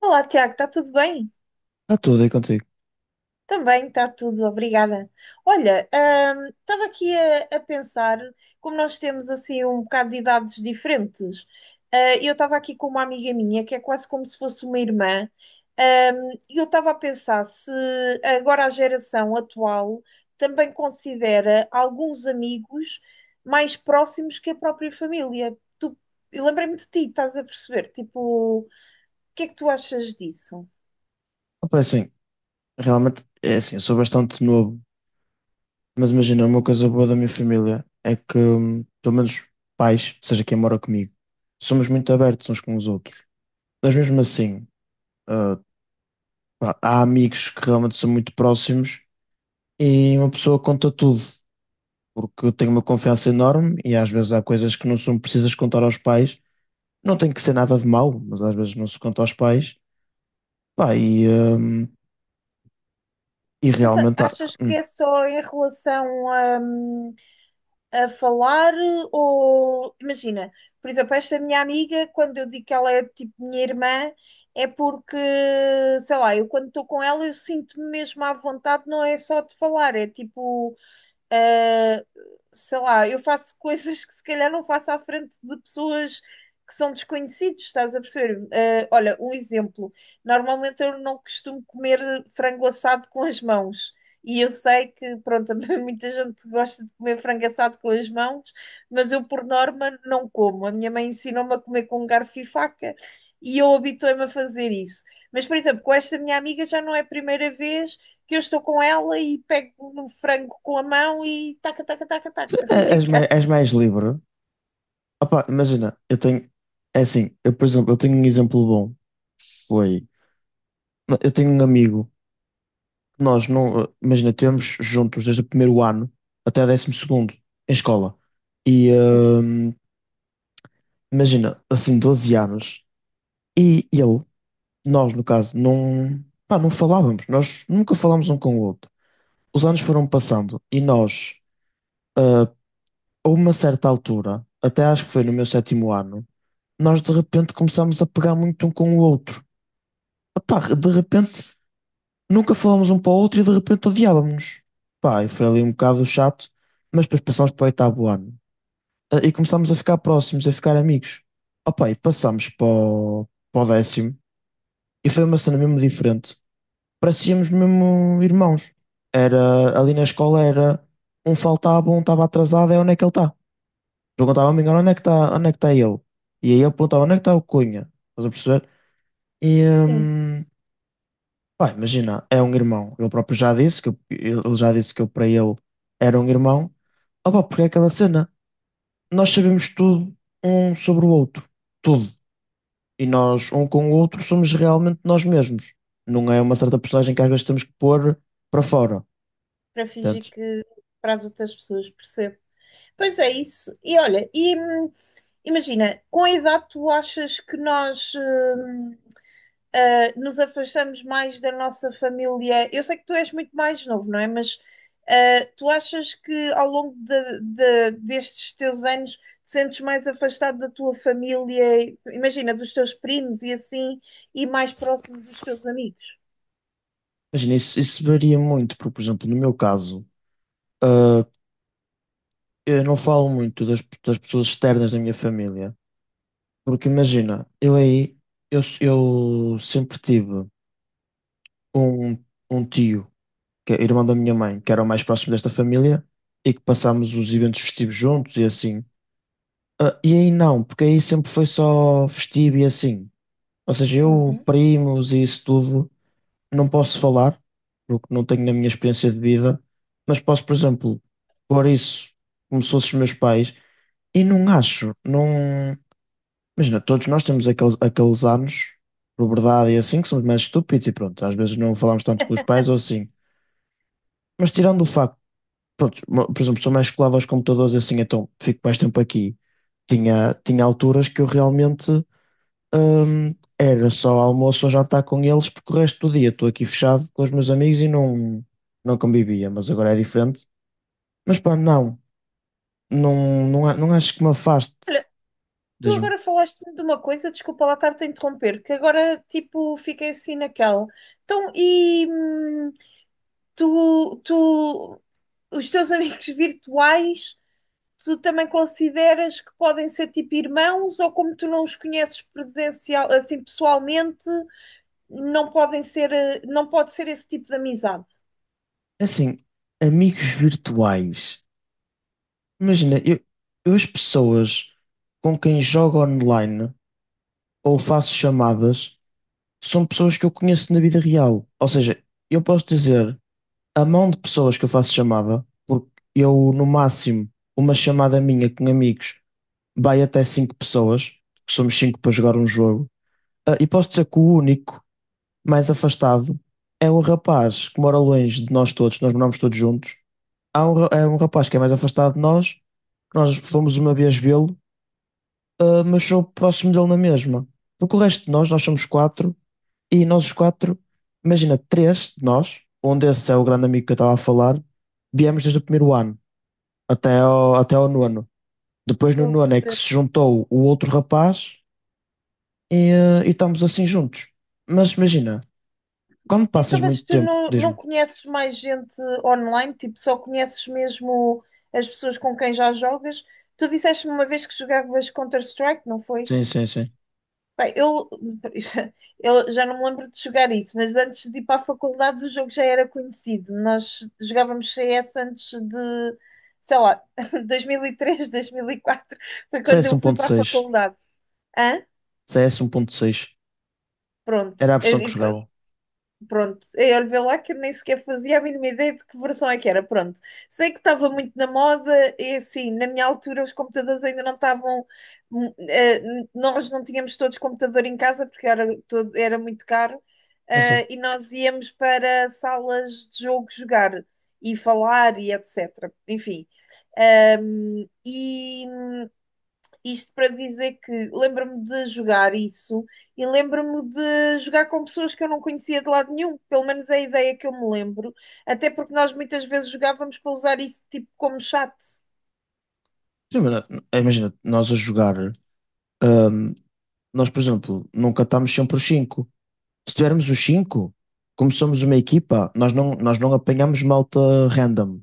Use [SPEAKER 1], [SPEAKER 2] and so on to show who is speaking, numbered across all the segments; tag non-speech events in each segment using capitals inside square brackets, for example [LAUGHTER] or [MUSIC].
[SPEAKER 1] Olá, Tiago, está tudo bem?
[SPEAKER 2] Está tudo aí contigo.
[SPEAKER 1] Também está tudo, obrigada. Olha, estava aqui a pensar, como nós temos assim um bocado de idades diferentes, eu estava aqui com uma amiga minha que é quase como se fosse uma irmã, e eu estava a pensar se agora a geração atual também considera alguns amigos mais próximos que a própria família. Tu, eu lembrei-me de ti, estás a perceber? Tipo, o que é que tu achas disso?
[SPEAKER 2] Opa, é assim, realmente é assim, eu sou bastante novo, mas imagina, uma coisa boa da minha família é que, pelo menos pais, seja quem mora comigo, somos muito abertos uns com os outros. Mas mesmo assim, ah, pá, há amigos que realmente são muito próximos e uma pessoa conta tudo, porque eu tenho uma confiança enorme e às vezes há coisas que não são precisas contar aos pais. Não tem que ser nada de mau, mas às vezes não se conta aos pais. Pá, e
[SPEAKER 1] Mas
[SPEAKER 2] realmente
[SPEAKER 1] achas que é só em relação a falar ou imagina, por exemplo, esta minha amiga, quando eu digo que ela é tipo minha irmã, é porque, sei lá, eu quando estou com ela eu sinto-me mesmo à vontade, não é só de falar, é tipo ah, sei lá, eu faço [LAUGHS] coisas que se calhar não faço à frente de pessoas que são desconhecidos, estás a perceber? Ah, olha, um exemplo. Normalmente eu não costumo comer frango assado com as mãos. E eu sei que, pronto, [LAUGHS] muita gente gosta de comer frango assado com as mãos, mas eu, por norma, não como. A minha mãe ensinou-me a comer com garfo e faca e eu habituei-me a fazer isso. Mas, por exemplo, com esta minha amiga já não é a primeira vez que eu estou com ela e pego no frango com a mão e taca, taca, taca, taca. [LAUGHS] O que é
[SPEAKER 2] és
[SPEAKER 1] que
[SPEAKER 2] mais,
[SPEAKER 1] achas?
[SPEAKER 2] és mais livre. Opá, imagina, eu tenho. É assim, eu, por exemplo, eu tenho um exemplo bom. Foi. Eu tenho um amigo que nós não. Imagina, temos juntos desde o primeiro ano até o 12º em escola. E imagina, assim, 12 anos. E ele, nós no caso, não. Pá, não falávamos. Nós nunca falámos um com o outro. Os anos foram passando e nós, ah, a uma certa altura, até acho que foi no meu sétimo ano, nós de repente começámos a pegar muito um com o outro. Pá, de repente nunca falámos um para o outro e de repente odiávamos. Pá, e foi ali um bocado chato, mas depois passámos para o oitavo ano e começámos a ficar próximos, a ficar amigos. Opá, e passámos para o, para o 10º e foi uma cena mesmo diferente. Parecíamos mesmo irmãos. Era ali na escola era um faltava, um estava atrasado, é onde é que ele está? Perguntava-me onde é que está, onde é que está ele? E aí eu perguntava onde é que está o Cunha? Estás a perceber? E,
[SPEAKER 1] Sim,
[SPEAKER 2] pá, imagina, é um irmão. Ele próprio já disse que eu, ele já disse que eu para ele era um irmão. Opa, porque é aquela cena. Nós sabemos tudo um sobre o outro. Tudo. E nós, um com o outro, somos realmente nós mesmos. Não é uma certa personagem que às vezes temos que pôr para fora.
[SPEAKER 1] para fingir
[SPEAKER 2] Portanto,
[SPEAKER 1] que para as outras pessoas, percebo. Pois é isso. E olha, imagina, com a idade tu achas que nós nos afastamos mais da nossa família. Eu sei que tu és muito mais novo, não é? Mas tu achas que ao longo destes teus anos te sentes mais afastado da tua família, imagina, dos teus primos e assim, e mais próximo dos teus amigos?
[SPEAKER 2] imagina, isso varia muito, porque, por exemplo, no meu caso, ah, eu não falo muito das, das pessoas externas da minha família. Porque imagina, eu aí, eu sempre tive um, um tio, que é irmão da minha mãe, que era o mais próximo desta família, e que passámos os eventos festivos juntos e assim. Ah, e aí não, porque aí sempre foi só festivo e assim. Ou seja, eu,
[SPEAKER 1] Uhum.
[SPEAKER 2] primos e isso tudo, não posso falar, porque não tenho na minha experiência de vida, mas posso, por exemplo, pôr isso como se fossem os meus pais, e não acho, não. Imagina, todos nós temos aqueles, aqueles anos, por verdade e assim, que somos mais estúpidos e pronto, às vezes não falamos tanto com os pais ou assim. Mas tirando o facto pronto, por exemplo, sou mais colado aos computadores assim, então fico mais tempo aqui. Tinha alturas que eu realmente era só almoço ou jantar com eles, porque o resto do dia estou aqui fechado com os meus amigos e não, não convivia, mas agora é diferente. Mas pá, não, não, não, não acho que me afaste.
[SPEAKER 1] Olha, tu
[SPEAKER 2] Diz-me,
[SPEAKER 1] agora falaste-me de uma coisa, desculpa lá estar-te a interromper, que agora tipo fiquei assim naquela. Então, tu, os teus [LAUGHS] amigos virtuais, tu também consideras que podem ser tipo irmãos ou como tu não os conheces presencial, assim pessoalmente, não podem ser, não pode ser esse tipo de amizade?
[SPEAKER 2] assim, amigos virtuais. Imagina, eu as pessoas com quem jogo online ou faço chamadas, são pessoas que eu conheço na vida real. Ou seja, eu posso dizer a mão de pessoas que eu faço chamada, porque eu, no máximo, uma chamada minha com amigos vai até cinco pessoas, porque somos cinco para jogar um jogo. Ah, e posso dizer que o único mais afastado é um rapaz que mora longe de nós todos, nós moramos todos juntos. Há um, é um rapaz que é mais afastado de nós, que nós fomos uma vez vê-lo. Mas sou próximo dele na mesma. Porque o resto de nós, nós somos quatro, e nós os quatro, imagina, três de nós, onde esse é o grande amigo que eu estava a falar, viemos desde o primeiro ano até ao nono. Depois no
[SPEAKER 1] Estou a
[SPEAKER 2] nono é que
[SPEAKER 1] perceber.
[SPEAKER 2] se juntou o outro rapaz e estamos assim juntos. Mas imagina, quando passas
[SPEAKER 1] Então, mas
[SPEAKER 2] muito
[SPEAKER 1] tu
[SPEAKER 2] tempo,
[SPEAKER 1] não, não
[SPEAKER 2] diz-me,
[SPEAKER 1] conheces mais gente online? Tipo, só conheces mesmo as pessoas com quem já jogas? Tu disseste-me uma vez que jogavas Counter-Strike, não foi?
[SPEAKER 2] sim, sim, sim,
[SPEAKER 1] Bem, [LAUGHS] eu já não me lembro de jogar isso, mas antes de ir para a faculdade o jogo já era conhecido. Nós jogávamos CS antes de, sei lá, [LAUGHS] 2003, 2004, foi quando
[SPEAKER 2] CS
[SPEAKER 1] eu fui para a
[SPEAKER 2] 1.6,
[SPEAKER 1] faculdade. Hã?
[SPEAKER 2] CS 1.6,
[SPEAKER 1] Pronto.
[SPEAKER 2] era a versão que jogavam.
[SPEAKER 1] Pronto, eu vê lá que eu nem sequer fazia a mínima ideia de que versão é que era. Pronto, sei que estava muito na moda e assim, na minha altura os computadores ainda não estavam. hum, eh, Nós não tínhamos todos computador em casa porque era, todo, era muito caro
[SPEAKER 2] Sim, sim.
[SPEAKER 1] e nós íamos para salas de jogo jogar e falar e etc. Enfim, e isto para dizer que lembro-me de jogar isso e lembro-me de jogar com pessoas que eu não conhecia de lado nenhum, pelo menos é a ideia que eu me lembro, até porque nós muitas vezes jogávamos para usar isso tipo como chat.
[SPEAKER 2] Sim, mas, Imagina, nós a jogar. ah, Nós, por exemplo, nunca estamos sempre os cinco. Se tivermos os cinco, como somos uma equipa, nós não apanhamos malta random,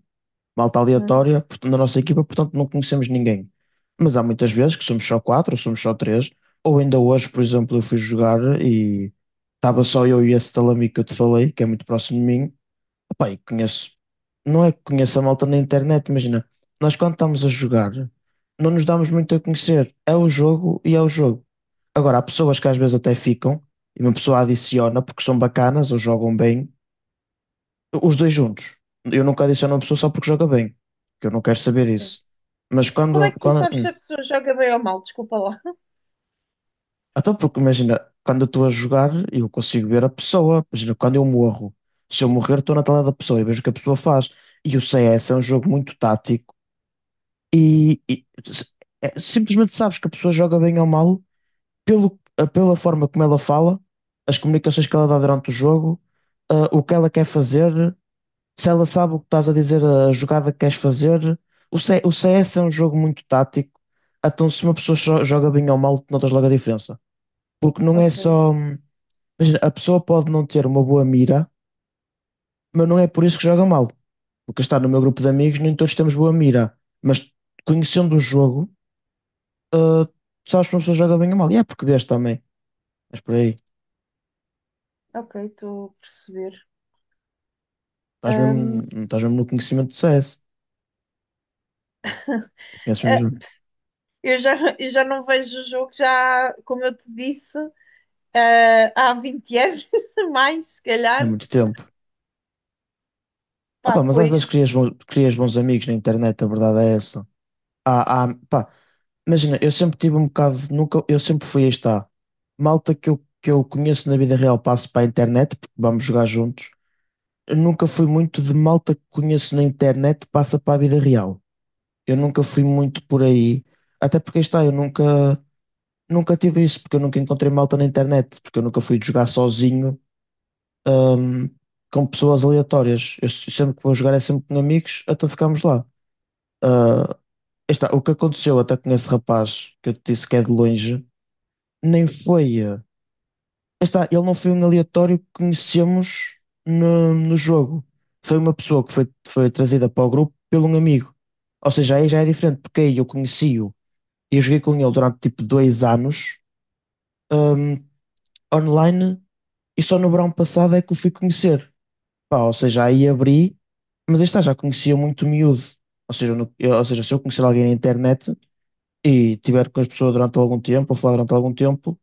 [SPEAKER 2] malta
[SPEAKER 1] Uhum.
[SPEAKER 2] aleatória portanto, na nossa equipa, portanto não conhecemos ninguém. Mas há muitas vezes que somos só quatro, ou somos só três, ou ainda hoje, por exemplo, eu fui jogar e estava só eu e esse tal amigo que eu te falei, que é muito próximo de mim. Pá, e conheço, não é que conheço a malta na internet, imagina, nós quando estamos a jogar, não nos damos muito a conhecer, é o jogo e é o jogo. Agora, há pessoas que às vezes até ficam, e uma pessoa adiciona porque são bacanas ou jogam bem, os dois juntos. Eu nunca adiciono uma pessoa só porque joga bem, que eu não quero saber disso. Mas
[SPEAKER 1] Como
[SPEAKER 2] quando,
[SPEAKER 1] é que tu
[SPEAKER 2] quando,
[SPEAKER 1] sabes
[SPEAKER 2] hum.
[SPEAKER 1] se a pessoa joga bem ou mal? Desculpa lá.
[SPEAKER 2] Até porque imagina, quando eu estou a jogar, eu consigo ver a pessoa, imagina, quando eu morro, se eu morrer, estou na tela da pessoa e vejo o que a pessoa faz. E o CS é um jogo muito tático. E, e s- simplesmente sabes que a pessoa joga bem ou mal pelo, pela forma como ela fala, as comunicações que ela dá durante o jogo, o que ela quer fazer, se ela sabe o que estás a dizer, a jogada que queres fazer. O CS é um jogo muito tático, então se uma pessoa só joga bem ou mal, tu notas logo a diferença. Porque não é
[SPEAKER 1] Ok.
[SPEAKER 2] só. Imagina, a pessoa pode não ter uma boa mira, mas não é por isso que joga mal. Porque está no meu grupo de amigos, nem todos temos boa mira. Mas conhecendo o jogo ah, tu sabes que uma pessoa joga bem ou mal. E é português também. Mas por aí.
[SPEAKER 1] Ok, estou a perceber. Ahm,
[SPEAKER 2] Estás mesmo no conhecimento do CS. Conheces mesmo
[SPEAKER 1] eh,
[SPEAKER 2] o jogo.
[SPEAKER 1] eu já não vejo o jogo, já, como eu te disse, há 20 anos, [LAUGHS] mais, se
[SPEAKER 2] É
[SPEAKER 1] calhar.
[SPEAKER 2] muito tempo. Ah,
[SPEAKER 1] Pá,
[SPEAKER 2] pá, mas às
[SPEAKER 1] pois,
[SPEAKER 2] vezes crias, crias bons amigos na internet, a verdade é essa. Pá, imagina, eu sempre tive um bocado. Nunca, eu sempre fui, aí está. Malta que eu conheço na vida real passo para a internet, porque vamos jogar juntos. Eu nunca fui muito de malta que conheço na internet passa para a vida real. Eu nunca fui muito por aí. Até porque aí está, eu nunca. Nunca tive isso, porque eu nunca encontrei malta na internet, porque eu nunca fui jogar sozinho, ahm, com pessoas aleatórias. Eu sempre que vou jogar é sempre com amigos, até ficámos lá. Ah, está, o que aconteceu até com esse rapaz, que eu te disse que é de longe, nem foi. Está, ele não foi um aleatório que conhecemos no, no jogo. Foi uma pessoa que foi, foi trazida para o grupo pelo um amigo. Ou seja, aí já é diferente, porque aí eu conheci-o e eu joguei com ele durante tipo 2 anos, ahm, online. E só no verão passado é que o fui conhecer. Pá, ou seja, aí abri, mas aí está, já conhecia muito miúdo. Ou seja, se eu conhecer alguém na internet e tiver com as pessoas durante algum tempo, ou falar durante algum tempo,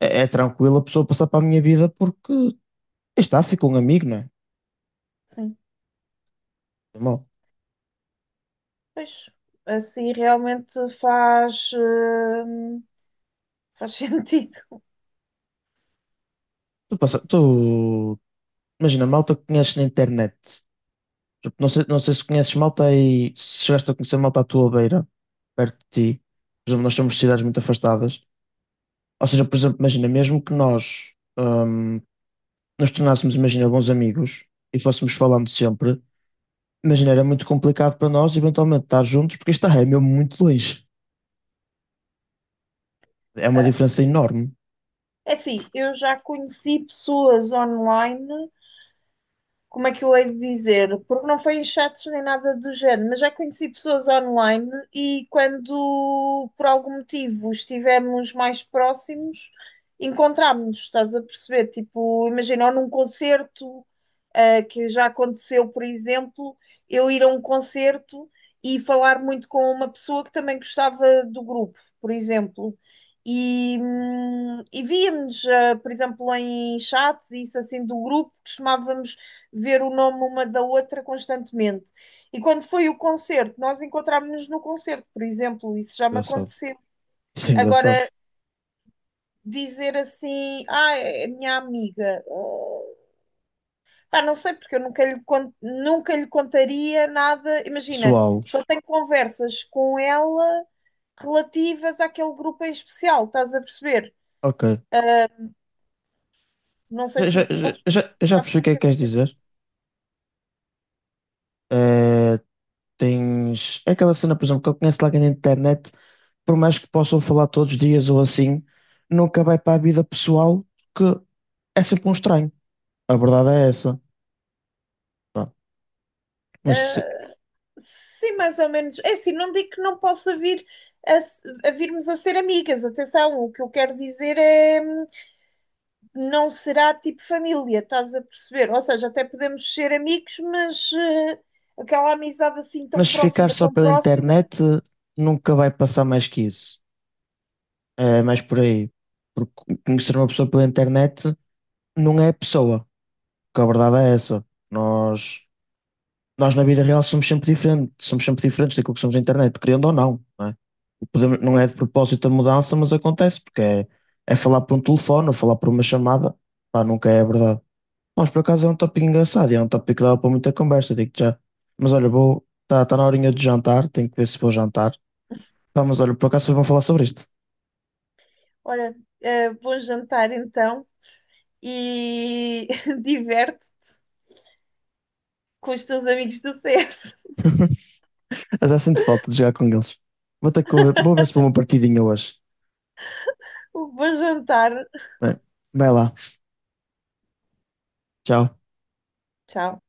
[SPEAKER 2] é tranquilo a pessoa passar para a minha vida porque aí está, fica um amigo, não é?
[SPEAKER 1] sim,
[SPEAKER 2] É mau.
[SPEAKER 1] pois, assim realmente faz, faz [LAUGHS] sentido.
[SPEAKER 2] Tu, passa, tu imagina, malta que conheces na internet. Tipo, não sei, não sei se conheces malta aí, se chegaste a conhecer malta à tua beira, perto de ti. Por exemplo, nós somos de cidades muito afastadas. Ou seja, por exemplo, imagina, mesmo que nós, nos tornássemos, imagina, bons amigos e fôssemos falando sempre, imagina, era muito complicado para nós eventualmente estar juntos, porque isto é mesmo muito longe. É uma
[SPEAKER 1] Ah,
[SPEAKER 2] diferença enorme.
[SPEAKER 1] é assim, eu já conheci pessoas online. Como é que eu hei de dizer? Porque não foi em chats nem nada do género, mas já conheci pessoas online e quando por algum motivo estivemos mais próximos, encontrámos-nos, estás a perceber? Tipo, imagina, ou num concerto, que já aconteceu, por exemplo, eu ir a um concerto e falar muito com uma pessoa que também gostava do grupo, por exemplo. E víamos, por exemplo, em chats, e isso assim do grupo, costumávamos ver o nome uma da outra constantemente. E quando foi o concerto, nós encontrámos-nos no concerto, por exemplo, isso já me
[SPEAKER 2] Engraçado.
[SPEAKER 1] aconteceu.
[SPEAKER 2] Isso é engraçado.
[SPEAKER 1] Agora, dizer assim, ah, é minha amiga, oh, pá, não sei, porque eu nunca lhe, nunca lhe contaria nada. Imagina,
[SPEAKER 2] Pessoal,
[SPEAKER 1] só tenho conversas com ela relativas àquele grupo em especial, estás a perceber?
[SPEAKER 2] ok.
[SPEAKER 1] Não sei
[SPEAKER 2] Já,
[SPEAKER 1] se
[SPEAKER 2] já,
[SPEAKER 1] isso
[SPEAKER 2] já,
[SPEAKER 1] pode.
[SPEAKER 2] já- eu já percebi o que é que queres dizer. Eh, tens. É aquela cena, por exemplo, que eu conheço lá na internet, por mais que possam falar todos os dias ou assim, nunca vai para a vida pessoal, porque é sempre um estranho. A verdade é essa. Pá, Mas
[SPEAKER 1] Sim, mais ou menos. É assim, não digo que não possa vir a, a virmos a ser amigas. Atenção, o que eu quero dizer é não será tipo família, estás a perceber? Ou seja, até podemos ser amigos, mas aquela amizade assim tão
[SPEAKER 2] Mas se ficar
[SPEAKER 1] próxima,
[SPEAKER 2] só
[SPEAKER 1] tão
[SPEAKER 2] pela
[SPEAKER 1] próxima.
[SPEAKER 2] internet, nunca vai passar mais que isso. É mais por aí. Porque conhecer uma pessoa pela internet não é pessoa. Porque a verdade é essa. Nós, nós na vida real somos sempre diferentes. Somos sempre diferentes daquilo que somos na internet, querendo ou não. Não é, não é
[SPEAKER 1] Tem...
[SPEAKER 2] de propósito a mudança, mas acontece. Porque é falar por um telefone ou falar por uma chamada. Pá, nunca é a verdade. Mas por acaso é um tópico engraçado. É um tópico que dava para muita conversa, digo já. Mas olha, vou. Está tá tá na horinha de jantar. Tenho que ver se vou jantar. Pá, mas olha, por acaso vocês vão falar sobre isto.
[SPEAKER 1] Olha, bom jantar então e [LAUGHS] diverte com os teus amigos do CS.
[SPEAKER 2] [LAUGHS] Eu já sinto falta de jogar com eles. Vou ter que ver, vou ver se vou uma partidinha hoje.
[SPEAKER 1] [LAUGHS] Bom jantar.
[SPEAKER 2] Bem, vai lá. Tchau.
[SPEAKER 1] Tchau.